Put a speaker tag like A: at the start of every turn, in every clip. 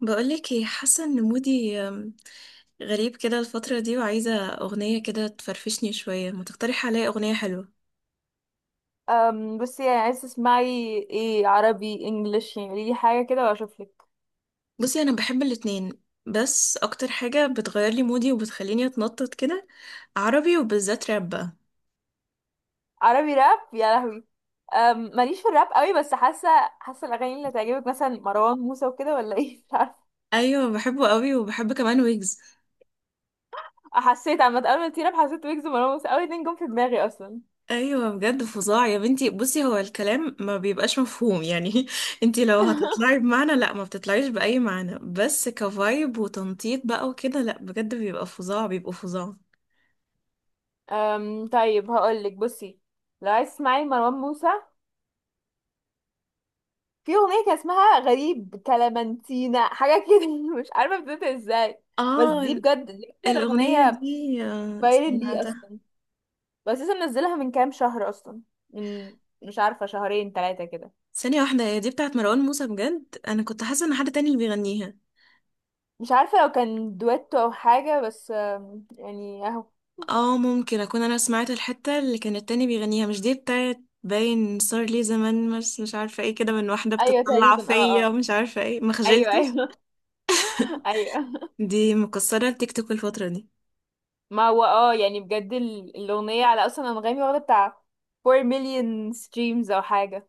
A: بقولك ايه، حاسه ان مودي غريب كده الفتره دي، وعايزه اغنيه كده تفرفشني شويه. ما تقترحي عليا اغنيه حلوه.
B: بس يعني عايز تسمعي ايه، عربي انجليش؟ يعني قولي لي حاجه كده واشوف لك.
A: بصي انا بحب الاتنين، بس اكتر حاجه بتغير لي مودي وبتخليني اتنطط كده عربي، وبالذات راب بقى.
B: عربي راب، يا لهوي. ماليش في الراب قوي، بس حاسه الاغاني اللي تعجبك مثلا مروان موسى وكده، ولا ايه؟ مش عارفه.
A: ايوه بحبه قوي، وبحب كمان ويجز.
B: حسيت عامه اول ما تيجي راب حسيت ويجز ومروان موسى، اول اتنين جم في دماغي اصلا.
A: ايوه بجد فظاع يا بنتي. بصي هو الكلام ما بيبقاش مفهوم يعني انتي لو هتطلعي بمعنى لا ما بتطلعيش باي معنى، بس كفايب وتنطيط بقى وكده. لا بجد بيبقى فظاع، بيبقوا فظاع.
B: طيب، هقول لك. بصي، لو عايز تسمعي مروان موسى، في اغنيه كان اسمها غريب، كلامنتينا، حاجه كده مش عارفه بتبدا ازاي. بس دي
A: اه.
B: بجد، دي اكتر
A: الأغنية
B: اغنيه
A: دي
B: بايرل لي
A: سمعتها.
B: اصلا. بس لسه منزلها من كام شهر اصلا، من مش عارفه، شهرين ثلاثه كده.
A: ثانية واحدة، هي دي بتاعت مروان موسى بجد؟ أنا كنت حاسة إن حد تاني اللي بيغنيها.
B: مش عارفه لو كان دويتو او حاجه، بس يعني اهو.
A: اه ممكن أكون أنا سمعت الحتة اللي كان التاني بيغنيها، مش دي بتاعت. باين صار لي زمان، بس مش عارفة ايه كده، من واحدة
B: ايوه
A: بتطلع
B: تقريبا، اه،
A: فيا
B: اه.
A: ومش عارفة ايه، ما
B: ايوه،
A: خجلتش.
B: ايوه. ايوه.
A: دي مكسرة التيك توك الفترة دي.
B: ما هو اه، يعني بجد الاغنيه على اصلا انغامي واخده بتاع 4 مليون ستريمز او حاجه.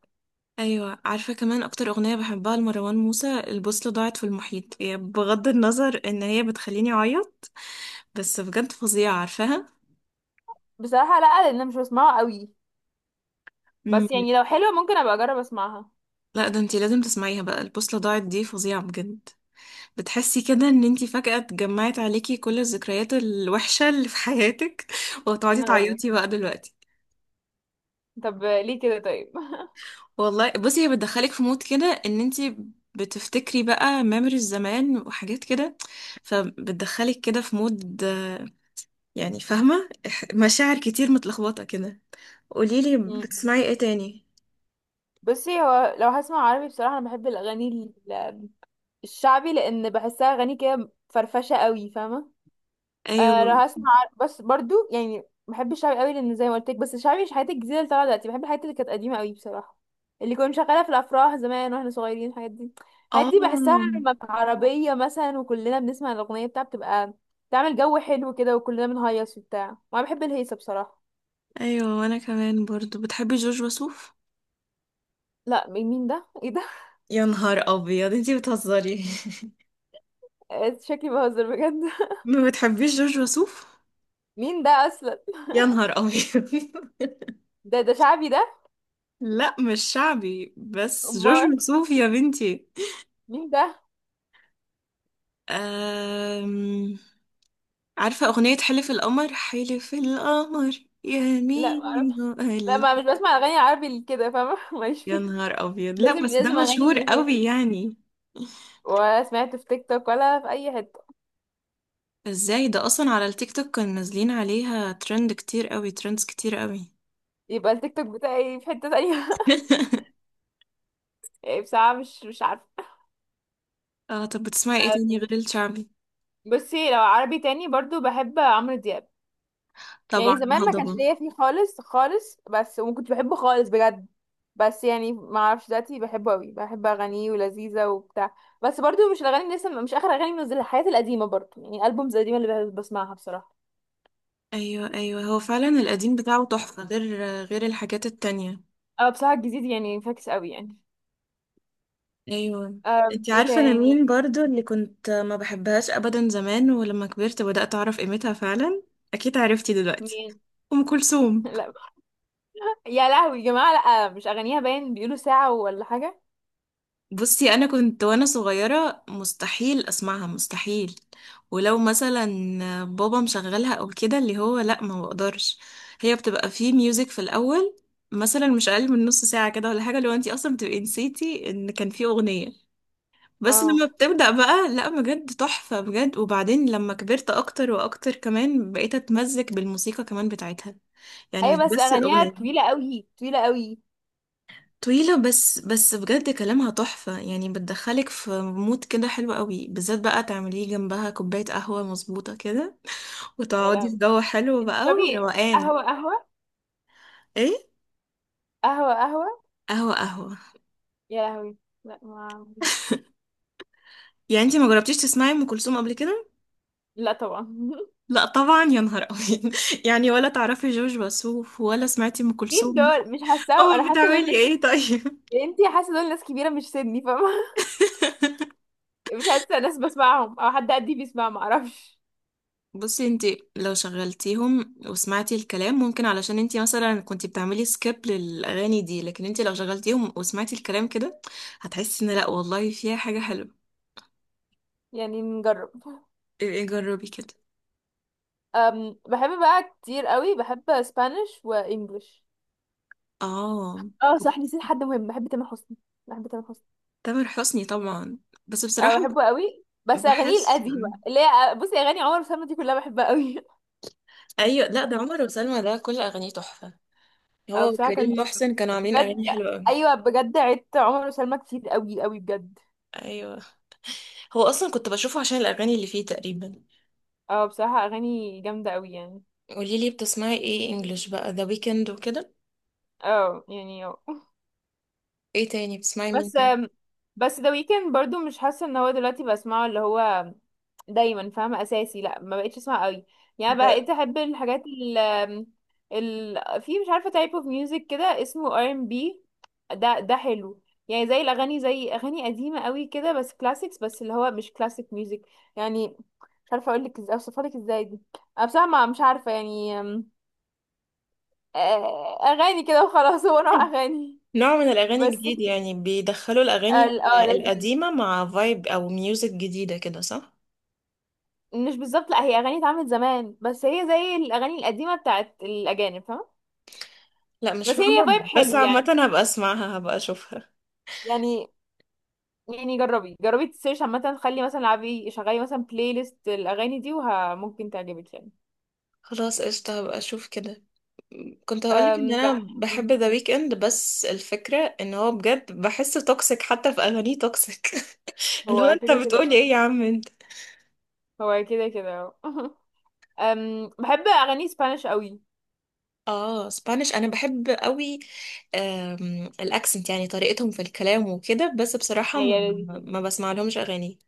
A: أيوة عارفة، كمان أكتر أغنية بحبها لمروان موسى البوصلة ضاعت في المحيط. هي بغض النظر إن هي بتخليني أعيط، بس بجد فظيعة، عارفاها.
B: بصراحه لا، لان انا مش بسمعه قوي. بس يعني لو حلوه ممكن ابقى اجرب اسمعها.
A: لا ده انتي لازم تسمعيها بقى. البوصلة ضاعت دي فظيعة بجد. بتحسي كده ان انتي فجأة اتجمعت عليكي كل الذكريات الوحشة اللي في حياتك
B: يا
A: وهتقعدي
B: نهار ابيض،
A: تعيطي بقى دلوقتي.
B: طب ليه كده؟ طيب.
A: والله بصي، هي بتدخلك في مود كده ان انتي بتفتكري بقى ميموريز زمان وحاجات كده، فبتدخلك كده في مود. يعني فاهمة مشاعر كتير متلخبطة كده. قوليلي
B: مم.
A: بتسمعي ايه تاني.
B: بصي، هو لو هسمع عربي بصراحه انا بحب الاغاني الشعبي، لان بحسها اغاني كده فرفشه قوي، فاهمه. آه،
A: ايوه.
B: لو هسمع. بس برضو يعني بحب الشعبي قوي، لان زي ما قلت لك. بس الشعبي مش الحاجات الجديده اللي طالعه دلوقتي، بحب الحاجات اللي كانت قديمه قوي بصراحه. اللي كنا شغاله في الافراح زمان واحنا صغيرين، الحاجات دي. الحاجات دي بحسها
A: اه.
B: لما عربيه مثلا وكلنا بنسمع الاغنيه بتاعها، بتبقى تعمل جو حلو كده، وكلنا بنهيص وبتاع، وانا بحب الهيصه بصراحه.
A: ايوه، وانا كمان برضو. بتحبي جورج وسوف؟
B: لا، مين ده؟ ايه ده؟
A: يا نهار ابيض، انتي بتهزري.
B: آه، شكلي بهزر بجد.
A: ما بتحبيش جورج وسوف؟
B: مين ده اصلا؟
A: يا نهار ابيض.
B: ده شعبي ده؟
A: لا مش شعبي، بس جورج
B: امال
A: وسوف يا بنتي.
B: مين ده؟
A: أم... عارفة أغنية حلف القمر؟ حلف القمر
B: لا، معرفش.
A: يمين
B: لا،
A: وقلب.
B: ما مش بسمع اغاني عربي كده، فاهمه؟ ماليش
A: يا
B: فيها.
A: نهار أبيض، لا
B: لازم
A: بس ده
B: لازم
A: مشهور
B: اغاني هيك؟
A: قوي يعني.
B: ولا سمعت في تيك توك، ولا في اي حته؟
A: ازاي ده؟ أصلا على التيك توك كانوا نازلين عليها ترند كتير قوي، ترندز كتير قوي.
B: يبقى التيك توك بتاعي في حته تانية. يعني بصراحه، مش عارفه.
A: اه. طب بتسمعي ايه تاني
B: أم،
A: غير الشعبي؟
B: بصي، لو عربي تاني برضو بحب عمرو دياب.
A: طبعا
B: يعني زمان ما كانش
A: الهضبة.
B: ليا فيه خالص خالص، بس وكنت بحبه خالص بجد. بس يعني ما اعرفش، دلوقتي بحبه قوي، بحب اغانيه ولذيذه وبتاع. بس برضو مش الاغاني اللي لسه، مش اخر اغاني منزلها، الحاجات القديمه برضو، يعني البومز القديمه اللي بسمعها بصراحه.
A: ايوه ايوه، هو فعلا القديم بتاعه تحفة، غير غير الحاجات التانية.
B: اه بصراحه الجديد يعني فاكس قوي يعني.
A: ايوه. انتي
B: ايه
A: عارفة انا مين
B: تاني؟
A: برضو اللي كنت ما بحبهاش ابدا زمان، ولما كبرت بدأت اعرف قيمتها فعلا؟ اكيد عرفتي دلوقتي.
B: مين؟
A: ام كلثوم.
B: لا. يا لهوي يا جماعة، لا مش اغانيها؟ باين بيقولوا ساعة ولا حاجة.
A: بصي انا كنت وانا صغيرة مستحيل اسمعها، مستحيل. ولو مثلا بابا مشغلها او كده، اللي هو لا ما بقدرش. هي بتبقى فيه ميوزك في الاول، مثلا مش اقل من نص ساعة كده ولا حاجة، لو انتي اصلا بتبقي نسيتي ان كان فيه اغنية. بس لما
B: اه،
A: بتبدأ بقى، لا بجد تحفة بجد. وبعدين لما كبرت أكتر وأكتر، كمان بقيت أتمزج بالموسيقى كمان بتاعتها، يعني مش
B: ايوه، بس
A: بس
B: اغانيها
A: الأغنية.
B: طويلة قوي، طويلة قوي.
A: طويلة، بس بس بجد كلامها تحفة يعني. بتدخلك في مود كده حلو قوي، بالذات بقى تعمليه جنبها كوباية قهوة مظبوطة كده،
B: يا
A: وتقعدي في
B: لهوي!
A: جو حلو
B: انت
A: بقى
B: تشربي
A: وروقان.
B: قهوة؟ قهوة؟
A: ايه،
B: قهوة؟ قهوة!
A: قهوة قهوة.
B: يا لهوي، لا ما عنديش.
A: يعني انتي ما جربتيش تسمعي أم كلثوم قبل كده؟
B: لا طبعا.
A: لا طبعا، يا نهار أبيض. يعني ولا تعرفي جورج وسوف، ولا سمعتي أم
B: مين
A: كلثوم.
B: دول؟ مش حاسة، انا
A: اه
B: حاسة دول
A: بتعملي
B: ناس.
A: ايه طيب؟
B: انتي حاسة دول ناس كبيرة مش سني، فاهمة؟ مش حاسة ناس بسمعهم، او حد قدي بيسمع، معرفش.
A: بصي انت لو شغلتيهم وسمعتي الكلام ممكن، علشان انت مثلا كنت بتعملي سكيب للاغاني دي، لكن انت لو شغلتيهم وسمعتي الكلام كده هتحسي ان لا والله فيها حاجه حلوه.
B: يعني نجرب.
A: ايه جربي كده.
B: بحب بقى كتير قوي، بحب اسبانيش وانجلش.
A: اه.
B: اه صح، نسيت حد مهم، بحب تامر حسني، بحب تامر حسني.
A: تامر حسني طبعا، بس
B: اه
A: بصراحه
B: بحبه قوي، بس اغانيه
A: بحس.
B: القديمه اللي هي بصي، اغاني عمر وسلمى دي كلها بحبها قوي.
A: ايوه لا، ده عمر وسلمى ده كل اغانيه تحفه،
B: اه،
A: هو
B: بصراحه كان
A: وكريم
B: تحفه
A: محسن كانوا عاملين
B: بجد.
A: اغاني حلوه قوي.
B: ايوه بجد، عدت عمر وسلمى كتير قوي قوي بجد.
A: ايوه. هو اصلا كنت بشوفه عشان الاغاني اللي فيه تقريبا.
B: اه بصراحه اغاني جامده قوي يعني.
A: قولي لي بتسمعي ايه انجلش بقى، ذا ويكند وكده؟
B: اه، يعني.
A: ايه تاني، بتسمعي مين
B: بس
A: تاني؟
B: بس ذا ويكند برضو، مش حاسه ان هو دلوقتي بسمعه، اللي هو دايما، فاهمه، اساسي، لا، ما بقتش اسمع قوي. يعني
A: ده
B: بقيت احب الحاجات ال ال في، مش عارفه، تايب اوف ميوزك كده، اسمه ار ام بي. ده حلو. يعني، زي اغاني قديمه قوي كده، بس كلاسيكس، بس اللي هو مش كلاسيك ميوزك يعني. مش عارفه اقول لك ازاي، اوصفها لك ازاي دي. انا بصراحه مش عارفه يعني، اغاني كده وخلاص. هو نوع اغاني.
A: نوع من الاغاني
B: بس
A: جديد يعني، بيدخلوا الاغاني
B: اه لذيذ.
A: القديمه مع فايب او ميوزك جديده كده، صح؟
B: مش بالظبط، لا، هي اغاني اتعملت زمان، بس هي زي الاغاني القديمه بتاعت الاجانب، فاهمه.
A: لا مش
B: بس هي ليها
A: فاهمه،
B: فايب
A: بس
B: حلو
A: عامه هبقى اسمعها، هبقى اشوفها.
B: يعني يعني جربي جربي، تسيرش عامه، خلي مثلا العبي، شغلي مثلا بلاي ليست الاغاني دي، وممكن تعجبك يعني.
A: خلاص قشطه، هبقى اشوف كده. كنت هقولك ان
B: أم
A: انا
B: بح...
A: بحب
B: أم،
A: ذا ويكند، بس الفكره ان هو بجد بحسه توكسيك حتى في اغانيه توكسيك. اللي هو
B: هو
A: انت
B: كده كده،
A: بتقولي ايه يا عم.
B: هو كده كده. بحب اغاني سبانيش قوي.
A: اه سبانيش انا بحب قوي، الاكسنت يعني طريقتهم في الكلام وكده، بس بصراحة
B: هي لذيذه.
A: ما بسمع لهمش اغاني.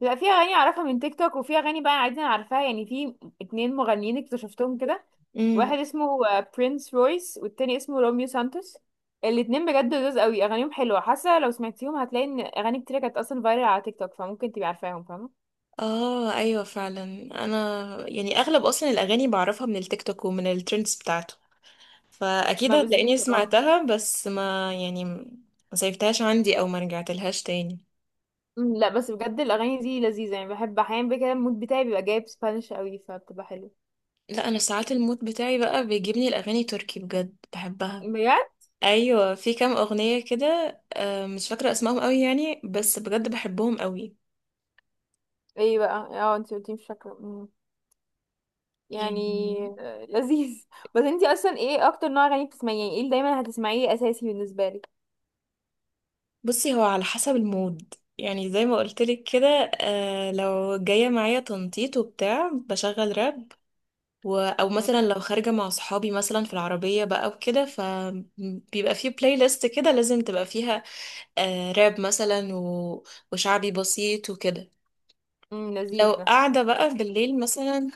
B: بيبقى فيها اغاني اعرفها من تيك توك، وفي اغاني بقى عادي انا عارفاها يعني. في اتنين مغنيين اكتشفتهم كده،
A: امم.
B: واحد اسمه برينس رويس، والتاني اسمه روميو سانتوس. الاتنين بجد لذاذ قوي، اغانيهم حلوه. حاسه لو سمعتيهم هتلاقي ان اغاني كتير كانت اصلا فايرال على تيك توك، فممكن تبقي عارفاهم، فاهمه.
A: اه ايوه فعلا. انا يعني اغلب اصلا الاغاني بعرفها من التيك توك ومن الترندز بتاعته، فاكيد
B: ما بالظبط
A: هتلاقيني
B: بقى.
A: سمعتها، بس ما يعني ما سيفتهاش عندي او ما رجعتلهاش تاني.
B: لا، بس بجد الاغاني دي لذيذه، يعني بحب احيانا بقى كده المود بتاعي بيبقى جايب سبانش قوي، فبتبقى حلوه.
A: لا انا ساعات المود بتاعي بقى بيجيبني الاغاني تركي، بجد بحبها.
B: بجد؟
A: ايوه، في كام اغنيه كده مش فاكره اسمائهم قوي يعني، بس بجد بحبهم قوي.
B: ايه بقى؟ اه انت قلتي مش فاكره. يعني
A: يعني
B: لذيذ. بس انتي اصلا، ايه اكتر نوع اغاني بتسمعيه؟ يعني ايه اللي دايما هتسمعيه اساسي بالنسبه لك؟
A: بصي، هو على حسب المود، يعني زي ما قلتلك كده. لو جايه معايا تنطيط وبتاع بشغل راب، او
B: مم،
A: مثلا لو خارجه مع صحابي مثلا في العربيه بقى وكده، فبيبقى في بلاي ليست كده لازم تبقى فيها راب مثلا، وشعبي بسيط وكده.
B: مم،
A: لو
B: لذيذ ده.
A: قاعده بقى بالليل مثلا،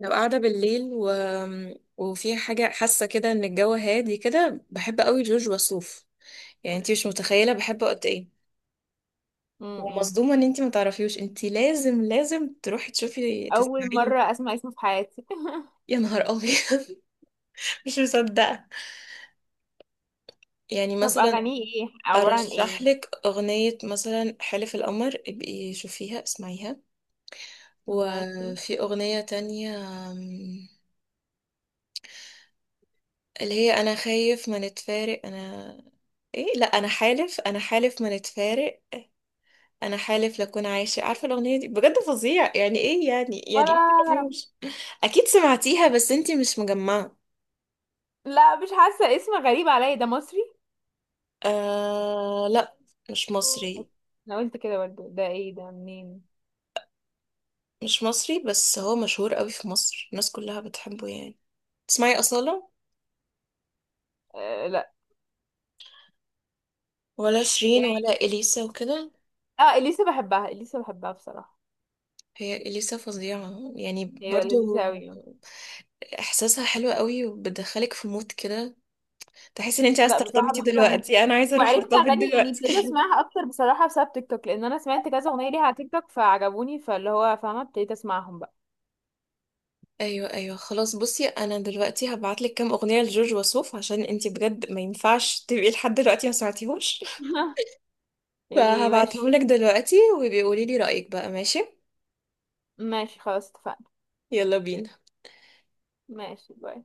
A: لو قاعدة بالليل وفي حاجة حاسة كده ان الجو هادي كده، بحب قوي جورج وسوف. يعني انتي مش متخيلة بحبه قد ايه.
B: مم، مم.
A: ومصدومة ان انتي ما تعرفيوش. انتي لازم لازم تروحي تشوفي
B: اول
A: تسمعيه.
B: مره اسمع اسمه في حياتي.
A: يا نهار ابيض. مش مصدقة. يعني
B: طب
A: مثلا
B: اغانيه ايه، عباره عن
A: ارشح
B: ايه؟
A: لك اغنية مثلا حلف القمر، ابقي شوفيها اسمعيها.
B: ماشي.
A: وفي اغنية تانية، أم، اللي هي انا خايف ما نتفارق انا. ايه، لا انا حالف، انا حالف ما نتفارق. انا حالف لكون عايشه. عارفه الاغنيه دي؟ بجد فظيع يعني. ايه يعني؟ يعني
B: ولا
A: ايه
B: اعرف.
A: ترافيوش. اكيد سمعتيها، بس انتي مش مجمعه.
B: لا، مش حاسه، اسم غريب عليا، ده مصري؟
A: آه لا. مش مصري.
B: انا قلت كده برضه، ده ايه، ده منين؟
A: مش مصري، بس هو مشهور قوي في مصر الناس كلها بتحبه يعني. تسمعي اصاله،
B: آه، لا.
A: ولا شيرين،
B: يعني.
A: ولا اليسا وكده؟
B: اه، اليسا بحبها، اليسا بحبها بصراحه.
A: هي اليسا فظيعه يعني
B: هي
A: برضو.
B: لذيذه قوي.
A: احساسها حلو قوي، وبتدخلك في مود كده، تحسي ان انت عايزه
B: لا، بصراحة
A: ترتبطي
B: بحب أغانيها.
A: دلوقتي. انا عايزه اروح
B: وعرفت
A: ارتبط
B: أغاني، يعني ابتديت
A: دلوقتي.
B: أسمعها أكتر بصراحة بسبب تيك توك، لأن أنا سمعت كذا أغنية ليها على تيك توك فعجبوني، فاللي هو فاهمة ابتديت أسمعهم بقى.
A: ايوه ايوه. خلاص بصي، انا دلوقتي هبعتلك كام اغنيه لجورج وسوف، عشان انتي بجد ما ينفعش تبقي لحد دلوقتي ما سمعتيهوش.
B: يعني
A: فهبعتهم لك
B: ماشي،
A: دلوقتي، وبيقولي لي رايك بقى، ماشي؟
B: ماشي، خلاص اتفقنا.
A: يلا بينا.
B: ماشي، باي.